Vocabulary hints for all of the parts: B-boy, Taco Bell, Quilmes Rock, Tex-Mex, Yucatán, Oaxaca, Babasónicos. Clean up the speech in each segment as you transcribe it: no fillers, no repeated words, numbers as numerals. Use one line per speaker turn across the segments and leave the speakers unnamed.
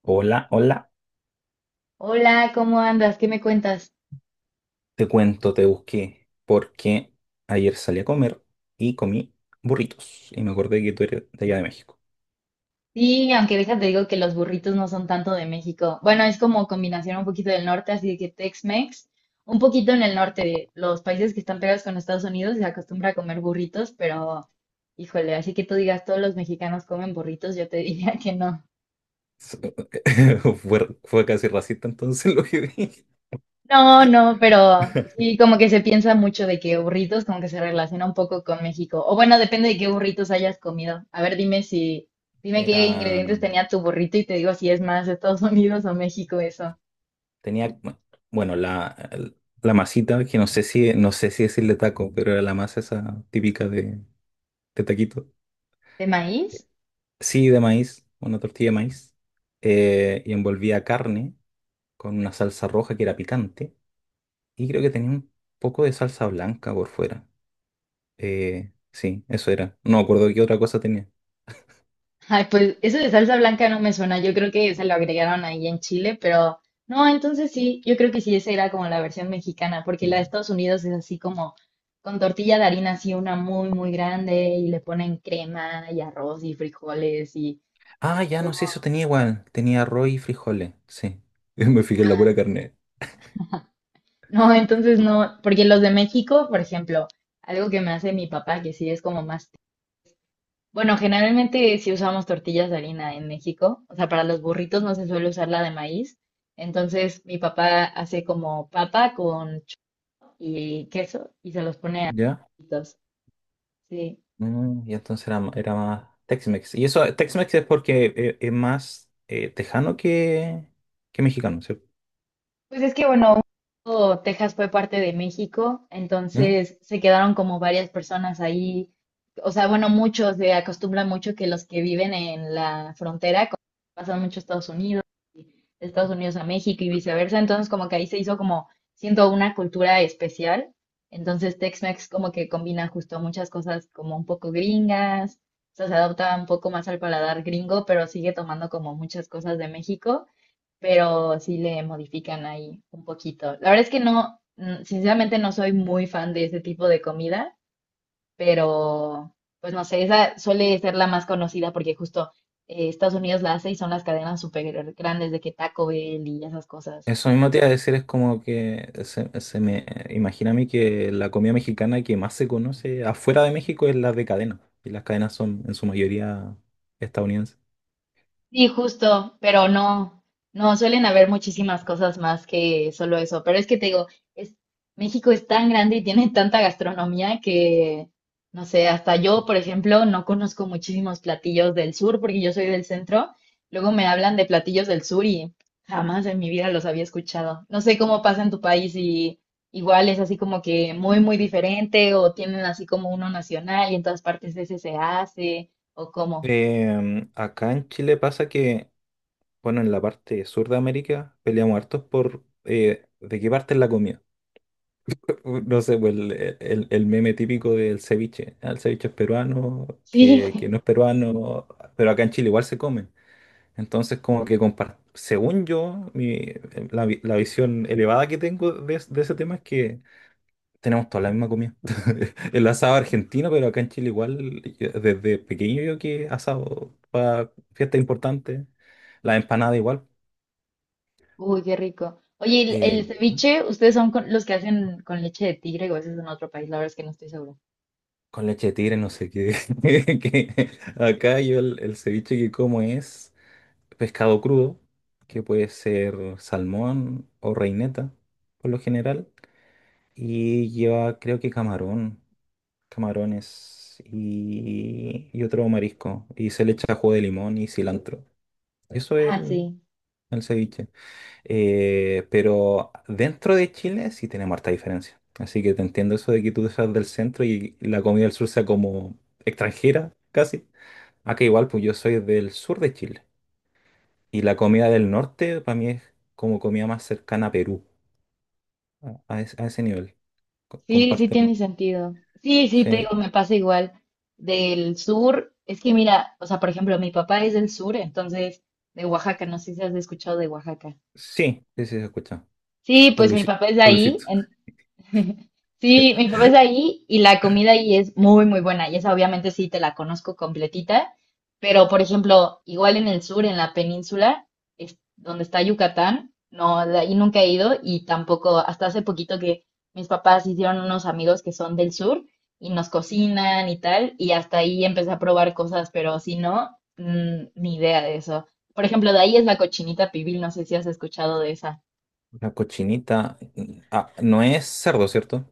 Hola, hola,
Hola, ¿cómo andas? ¿Qué me cuentas?
te cuento, te busqué porque ayer salí a comer y comí burritos y me acordé que tú eres de allá de México.
Sí, aunque déjate digo que los burritos no son tanto de México. Bueno, es como combinación un poquito del norte, así de que Tex-Mex, un poquito en el norte de los países que están pegados con Estados Unidos se acostumbra a comer burritos, pero híjole, así que tú digas todos los mexicanos comen burritos, yo te diría que no.
S- fue casi racista entonces lo que dije.
No, no, pero sí, como que se piensa mucho de que burritos, como que se relaciona un poco con México. O bueno, depende de qué burritos hayas comido. A ver, dime si, dime qué
Era,
ingredientes tenía tu burrito y te digo si es más Estados Unidos o México eso.
tenía, bueno, bueno, la masita, que no sé si decirle taco, pero era la masa esa típica de taquito.
¿De maíz?
Sí, de maíz, una tortilla de maíz, y envolvía carne con una salsa roja que era picante. Y creo que tenía un poco de salsa blanca por fuera. Sí, eso era. No me acuerdo qué otra cosa tenía.
Ay, pues eso de salsa blanca no me suena. Yo creo que se lo agregaron ahí en Chile, pero no, entonces sí, yo creo que sí, esa era como la versión mexicana, porque la de Estados Unidos es así como con tortilla de harina, así una muy, muy grande, y le ponen crema y arroz y frijoles y
Ah, ya no sé,
pollo.
eso tenía igual. Tenía arroz y frijoles, sí. Me fijé en la pura carne.
No, entonces no, porque los de México, por ejemplo, algo que me hace mi papá, que sí es como más. Bueno, generalmente si usamos tortillas de harina en México, o sea, para los burritos no se suele usar la de maíz. Entonces mi papá hace como papa con chorizo y queso y se los pone a los
¿Ya?
burritos. Sí.
Y entonces era, era más Tex-Mex. Y eso, Tex-Mex es porque es más tejano que, mexicano, ¿cierto?
Pues es que bueno, un tiempo Texas fue parte de México,
¿Mm?
entonces se quedaron como varias personas ahí. O sea, bueno, muchos se acostumbran mucho que los que viven en la frontera pasan mucho a Estados Unidos, de Estados Unidos a México y viceversa. Entonces, como que ahí se hizo como, siento, una cultura especial. Entonces, Tex-Mex como que combina justo muchas cosas como un poco gringas, o sea, se adapta un poco más al paladar gringo, pero sigue tomando como muchas cosas de México, pero sí le modifican ahí un poquito. La verdad es que no, sinceramente no soy muy fan de ese tipo de comida, pero pues no sé, esa suele ser la más conocida porque justo Estados Unidos la hace y son las cadenas súper grandes de que Taco Bell y esas cosas.
Eso mismo te iba a decir, es como que se me imagina a mí que la comida mexicana que más se conoce afuera de México es la de cadena, y las cadenas son en su mayoría estadounidenses.
Sí, justo, pero no, no, suelen haber muchísimas cosas más que solo eso. Pero es que te digo, es, México es tan grande y tiene tanta gastronomía que, no sé, hasta yo, por ejemplo, no conozco muchísimos platillos del sur porque yo soy del centro. Luego me hablan de platillos del sur y jamás en mi vida los había escuchado. No sé cómo pasa en tu país y igual es así como que muy, muy diferente o tienen así como uno nacional y en todas partes ese se hace o cómo.
Acá en Chile pasa que, bueno, en la parte sur de América peleamos hartos por de qué parte es la comida. No sé, pues el meme típico del ceviche. Ah, el ceviche es peruano,
Sí.
que no es peruano, pero acá en Chile igual se come. Entonces, como que según yo, la visión elevada que tengo de ese tema es que tenemos toda la misma comida. El asado argentino, pero acá en Chile igual, desde pequeño yo que asado para fiestas importantes, la empanada igual,
Uy, qué rico. Oye, ¿y el
eh,
ceviche, ustedes son con- los que hacen con leche de tigre o eso es en otro país? La verdad es que no estoy segura.
con leche de tigre, no sé qué. Que acá yo el ceviche que como es pescado crudo, que puede ser salmón o reineta, por lo general. Y lleva, creo que camarón, camarones y otro marisco. Y se le echa jugo de limón y cilantro. Eso es
Ah, sí,
el ceviche. Pero dentro de Chile sí tenemos harta diferencia. Así que te entiendo eso de que tú seas del centro y la comida del sur sea como extranjera, casi. Acá igual, pues yo soy del sur de Chile. Y la comida del norte para mí es como comida más cercana a Perú, a ese nivel.
sí, sí
Comparten más.
tiene sentido. Sí, sí, te
Sí.
digo, me pasa igual. Del sur, es que mira, o sea, por ejemplo, mi papá es del sur, entonces de Oaxaca, no sé si has escuchado de Oaxaca.
Sí, sí, sí, se escucha.
Sí,
Con
pues mi
Luisi-
papá es de
con
ahí.
Luisito.
Sí, mi papá es de ahí y la comida ahí es muy, muy buena. Y esa obviamente sí te la conozco completita. Pero, por ejemplo, igual en el sur, en la península, es donde está Yucatán, no, de ahí nunca he ido y tampoco, hasta hace poquito que mis papás hicieron unos amigos que son del sur y nos cocinan y tal. Y hasta ahí empecé a probar cosas, pero si no, ni idea de eso. Por ejemplo, de ahí es la cochinita pibil, no sé si has escuchado de esa.
La cochinita. Ah, no es cerdo, ¿cierto?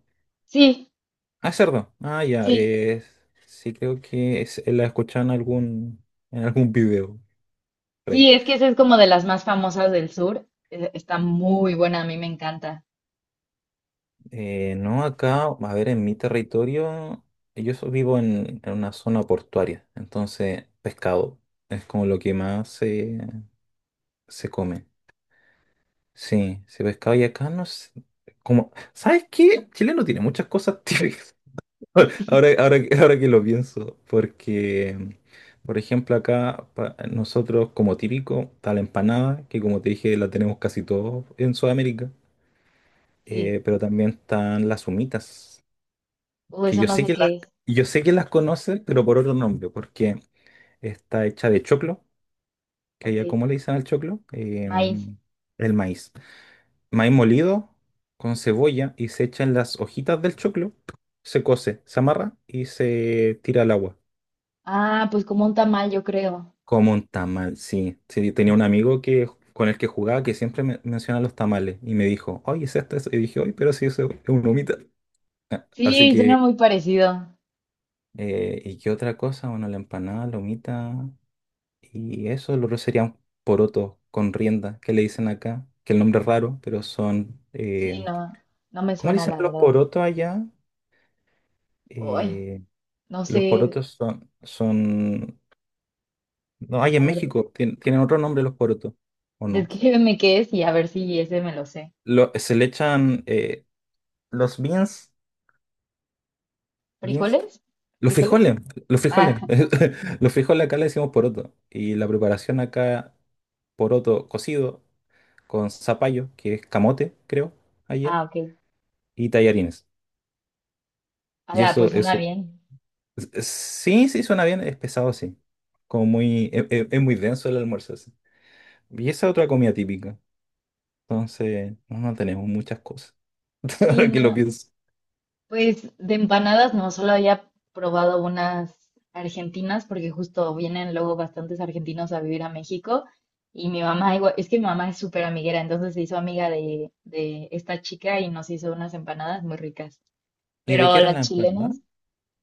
Sí,
Ah, es cerdo. Ah, ya.
sí.
Es. Sí, creo que es, la he escuchado en en algún video, por ahí.
Sí, es que esa es como de las más famosas del sur. Está muy buena, a mí me encanta.
No, acá, a ver, en mi territorio, vivo en una zona portuaria. Entonces, pescado es como lo que más se come. Sí, sí, pescado. Y acá no sé. Como, ¿sabes qué? Chile no tiene muchas cosas típicas. Ahora que lo pienso, porque, por ejemplo, acá nosotros como típico está la empanada, que como te dije la tenemos casi todos en Sudamérica,
Sí.
pero también están las humitas, que
Eso no sé qué es.
yo sé que las conocen, pero por otro nombre, porque está hecha de choclo, que
Ok.
allá como le dicen al choclo.
Maíz.
El maíz. Maíz molido con cebolla y se echan las hojitas del choclo, se cose, se amarra y se tira al agua.
Ah, pues como un tamal, yo creo.
Como un tamal, sí. Sí, tenía un amigo que, con el que jugaba que siempre me, menciona los tamales y me dijo, oye, ¿es esto, eso? Y dije, oye, pero sí, eso es una humita. Ah, así
Sí,
que,
suena muy parecido.
¿y qué otra cosa? Bueno, la empanada, la humita y eso, lo otro sería un poroto con rienda, que le dicen acá, que el nombre es raro, pero son,
Sí, no, no me
¿cómo le
suena
dicen
la
a los
verdad.
porotos allá?
Uy,
Eh,
no
los
sé.
porotos son. No, hay en
A ver,
México, tienen otro nombre los porotos, ¿o no?
descríbeme qué es y a ver si ese me lo sé.
Se le echan, los beans, beans,
¿Frijoles?
los
¿Frijoles?
los frijoles.
Ah,
Los frijoles acá le decimos poroto. Y la preparación acá, poroto cocido con zapallo, que es camote, creo, allá,
ah, ok.
y tallarines. Y
Ala, pues suena
eso,
bien.
sí, sí, suena bien, es pesado, sí. Como muy, es, muy denso el almuerzo, sí. Y esa es otra comida típica. Entonces, no, no tenemos muchas cosas,
Sí,
ahora que lo
no.
pienso.
Pues de empanadas no, solo había probado unas argentinas porque justo vienen luego bastantes argentinos a vivir a México y mi mamá igual, es que mi mamá es súper amiguera, entonces se hizo amiga de esta chica y nos hizo unas empanadas muy ricas.
¿Y de qué
Pero
eran
las
las empanadas?
chilenas,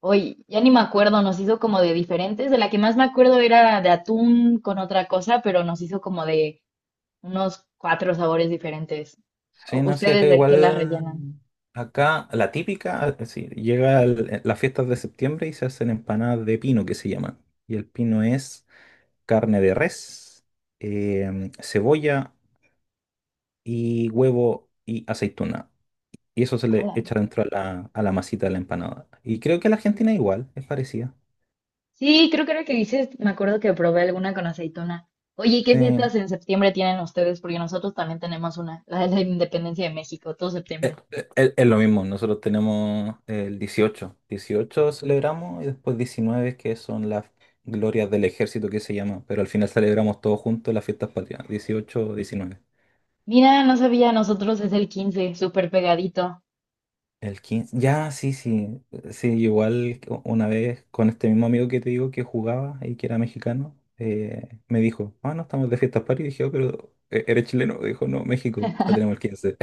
hoy ya ni me acuerdo, nos hizo como de diferentes, de la que más me acuerdo era de atún con otra cosa, pero nos hizo como de unos cuatro sabores diferentes.
Sí,
¿U-
no, sí, acá
¿Ustedes de qué las rellenan?
igual, acá la típica, sí, llega las fiestas de septiembre y se hacen empanadas de pino que se llaman. Y el pino es carne de res, cebolla y huevo y aceituna. Y eso se le echa dentro a a la masita de la empanada. Y creo que la Argentina igual, es parecida.
Sí, creo que era el que dices, me acuerdo que probé alguna con aceituna. Oye, ¿y
Sí.
qué fiestas en septiembre tienen ustedes? Porque nosotros también tenemos una, la de la Independencia de México, todo septiembre.
Lo mismo, nosotros tenemos el dieciocho. Dieciocho celebramos y después 19, que son las glorias del ejército que se llama, pero al final celebramos todos juntos las fiestas patrias, 18, 19.
Mira, no sabía, nosotros es el 15, súper pegadito.
El quince ya, sí, sí, sí, igual que una vez con este mismo amigo que te digo que jugaba y que era mexicano, me dijo, ah, no, estamos de fiestas patrias, y dije: "Oh, pero eres chileno". Dijo: "No, México, la tenemos el 15".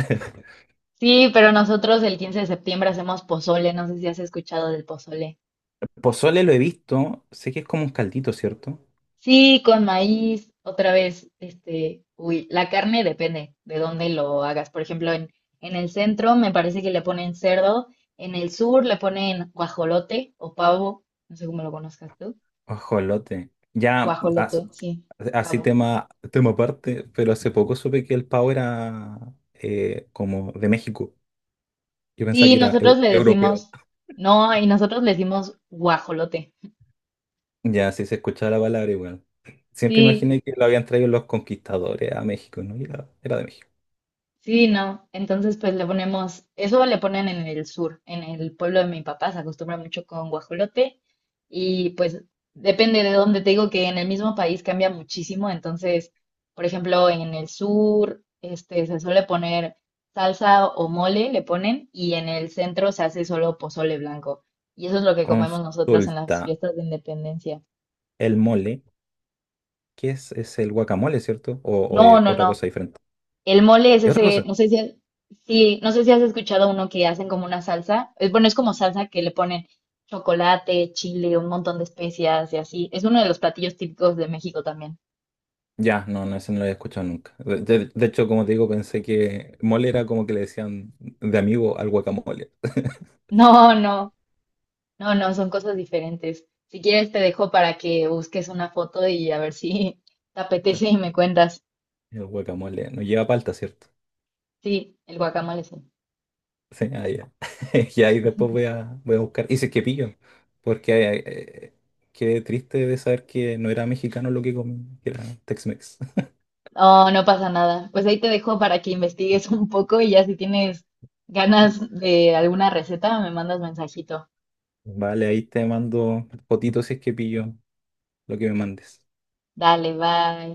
Sí, pero nosotros el 15 de septiembre hacemos pozole, no sé si has escuchado del pozole.
Pozole lo he visto, sé que es como un caldito, ¿cierto?
Sí, con maíz, otra vez, este, uy, la carne depende de dónde lo hagas. Por ejemplo, en el centro me parece que le ponen cerdo, en el sur le ponen guajolote o pavo, no sé cómo lo conozcas tú.
Ajolote. Ya,
Guajolote, sí,
así
pavo.
tema aparte, pero hace poco supe que el pavo era como de México. Yo pensaba
Sí,
que era
nosotros le
europeo.
decimos, no, y nosotros le decimos guajolote.
Ya, si se escuchaba la palabra igual. Siempre
Sí.
imaginé que lo habían traído los conquistadores a México, ¿no? Y era de México.
Sí, no. Entonces, pues le ponemos, eso le ponen en el sur, en el pueblo de mi papá, se acostumbra mucho con guajolote y pues depende de dónde te digo que en el mismo país cambia muchísimo. Entonces, por ejemplo, en el sur, este, se suele poner salsa o mole, le ponen, y en el centro se hace solo pozole blanco. Y eso es lo que comemos nosotras en las
Consulta,
fiestas de independencia.
el mole, ¿qué es? ¿Es el guacamole, cierto? ¿O,
No,
es
no,
otra cosa
no.
diferente?
El mole es
¿Es otra
ese,
cosa?
no sé si, sí, no sé si has escuchado uno que hacen como una salsa. Es, bueno, es como salsa que le ponen chocolate, chile, un montón de especias y así. Es uno de los platillos típicos de México también.
Ya, no, no, ese no lo había escuchado nunca. De hecho, como te digo, pensé que mole era como que le decían de amigo al guacamole.
No, no, no, no, son cosas diferentes. Si quieres te dejo para que busques una foto y a ver si te apetece y me cuentas.
El guacamole no lleva palta, ¿cierto?
Sí, el guacamole sí.
Sí, ah, ya. Y ahí después voy a buscar. Y si es que pillo, porque qué triste de saber que no era mexicano lo que comí, que era Tex-Mex.
No, no pasa nada. Pues ahí te dejo para que investigues un poco y ya si tienes ganas de alguna receta me mandas mensajito.
Vale, ahí te mando fotito si es que pillo lo que me mandes.
Dale, bye.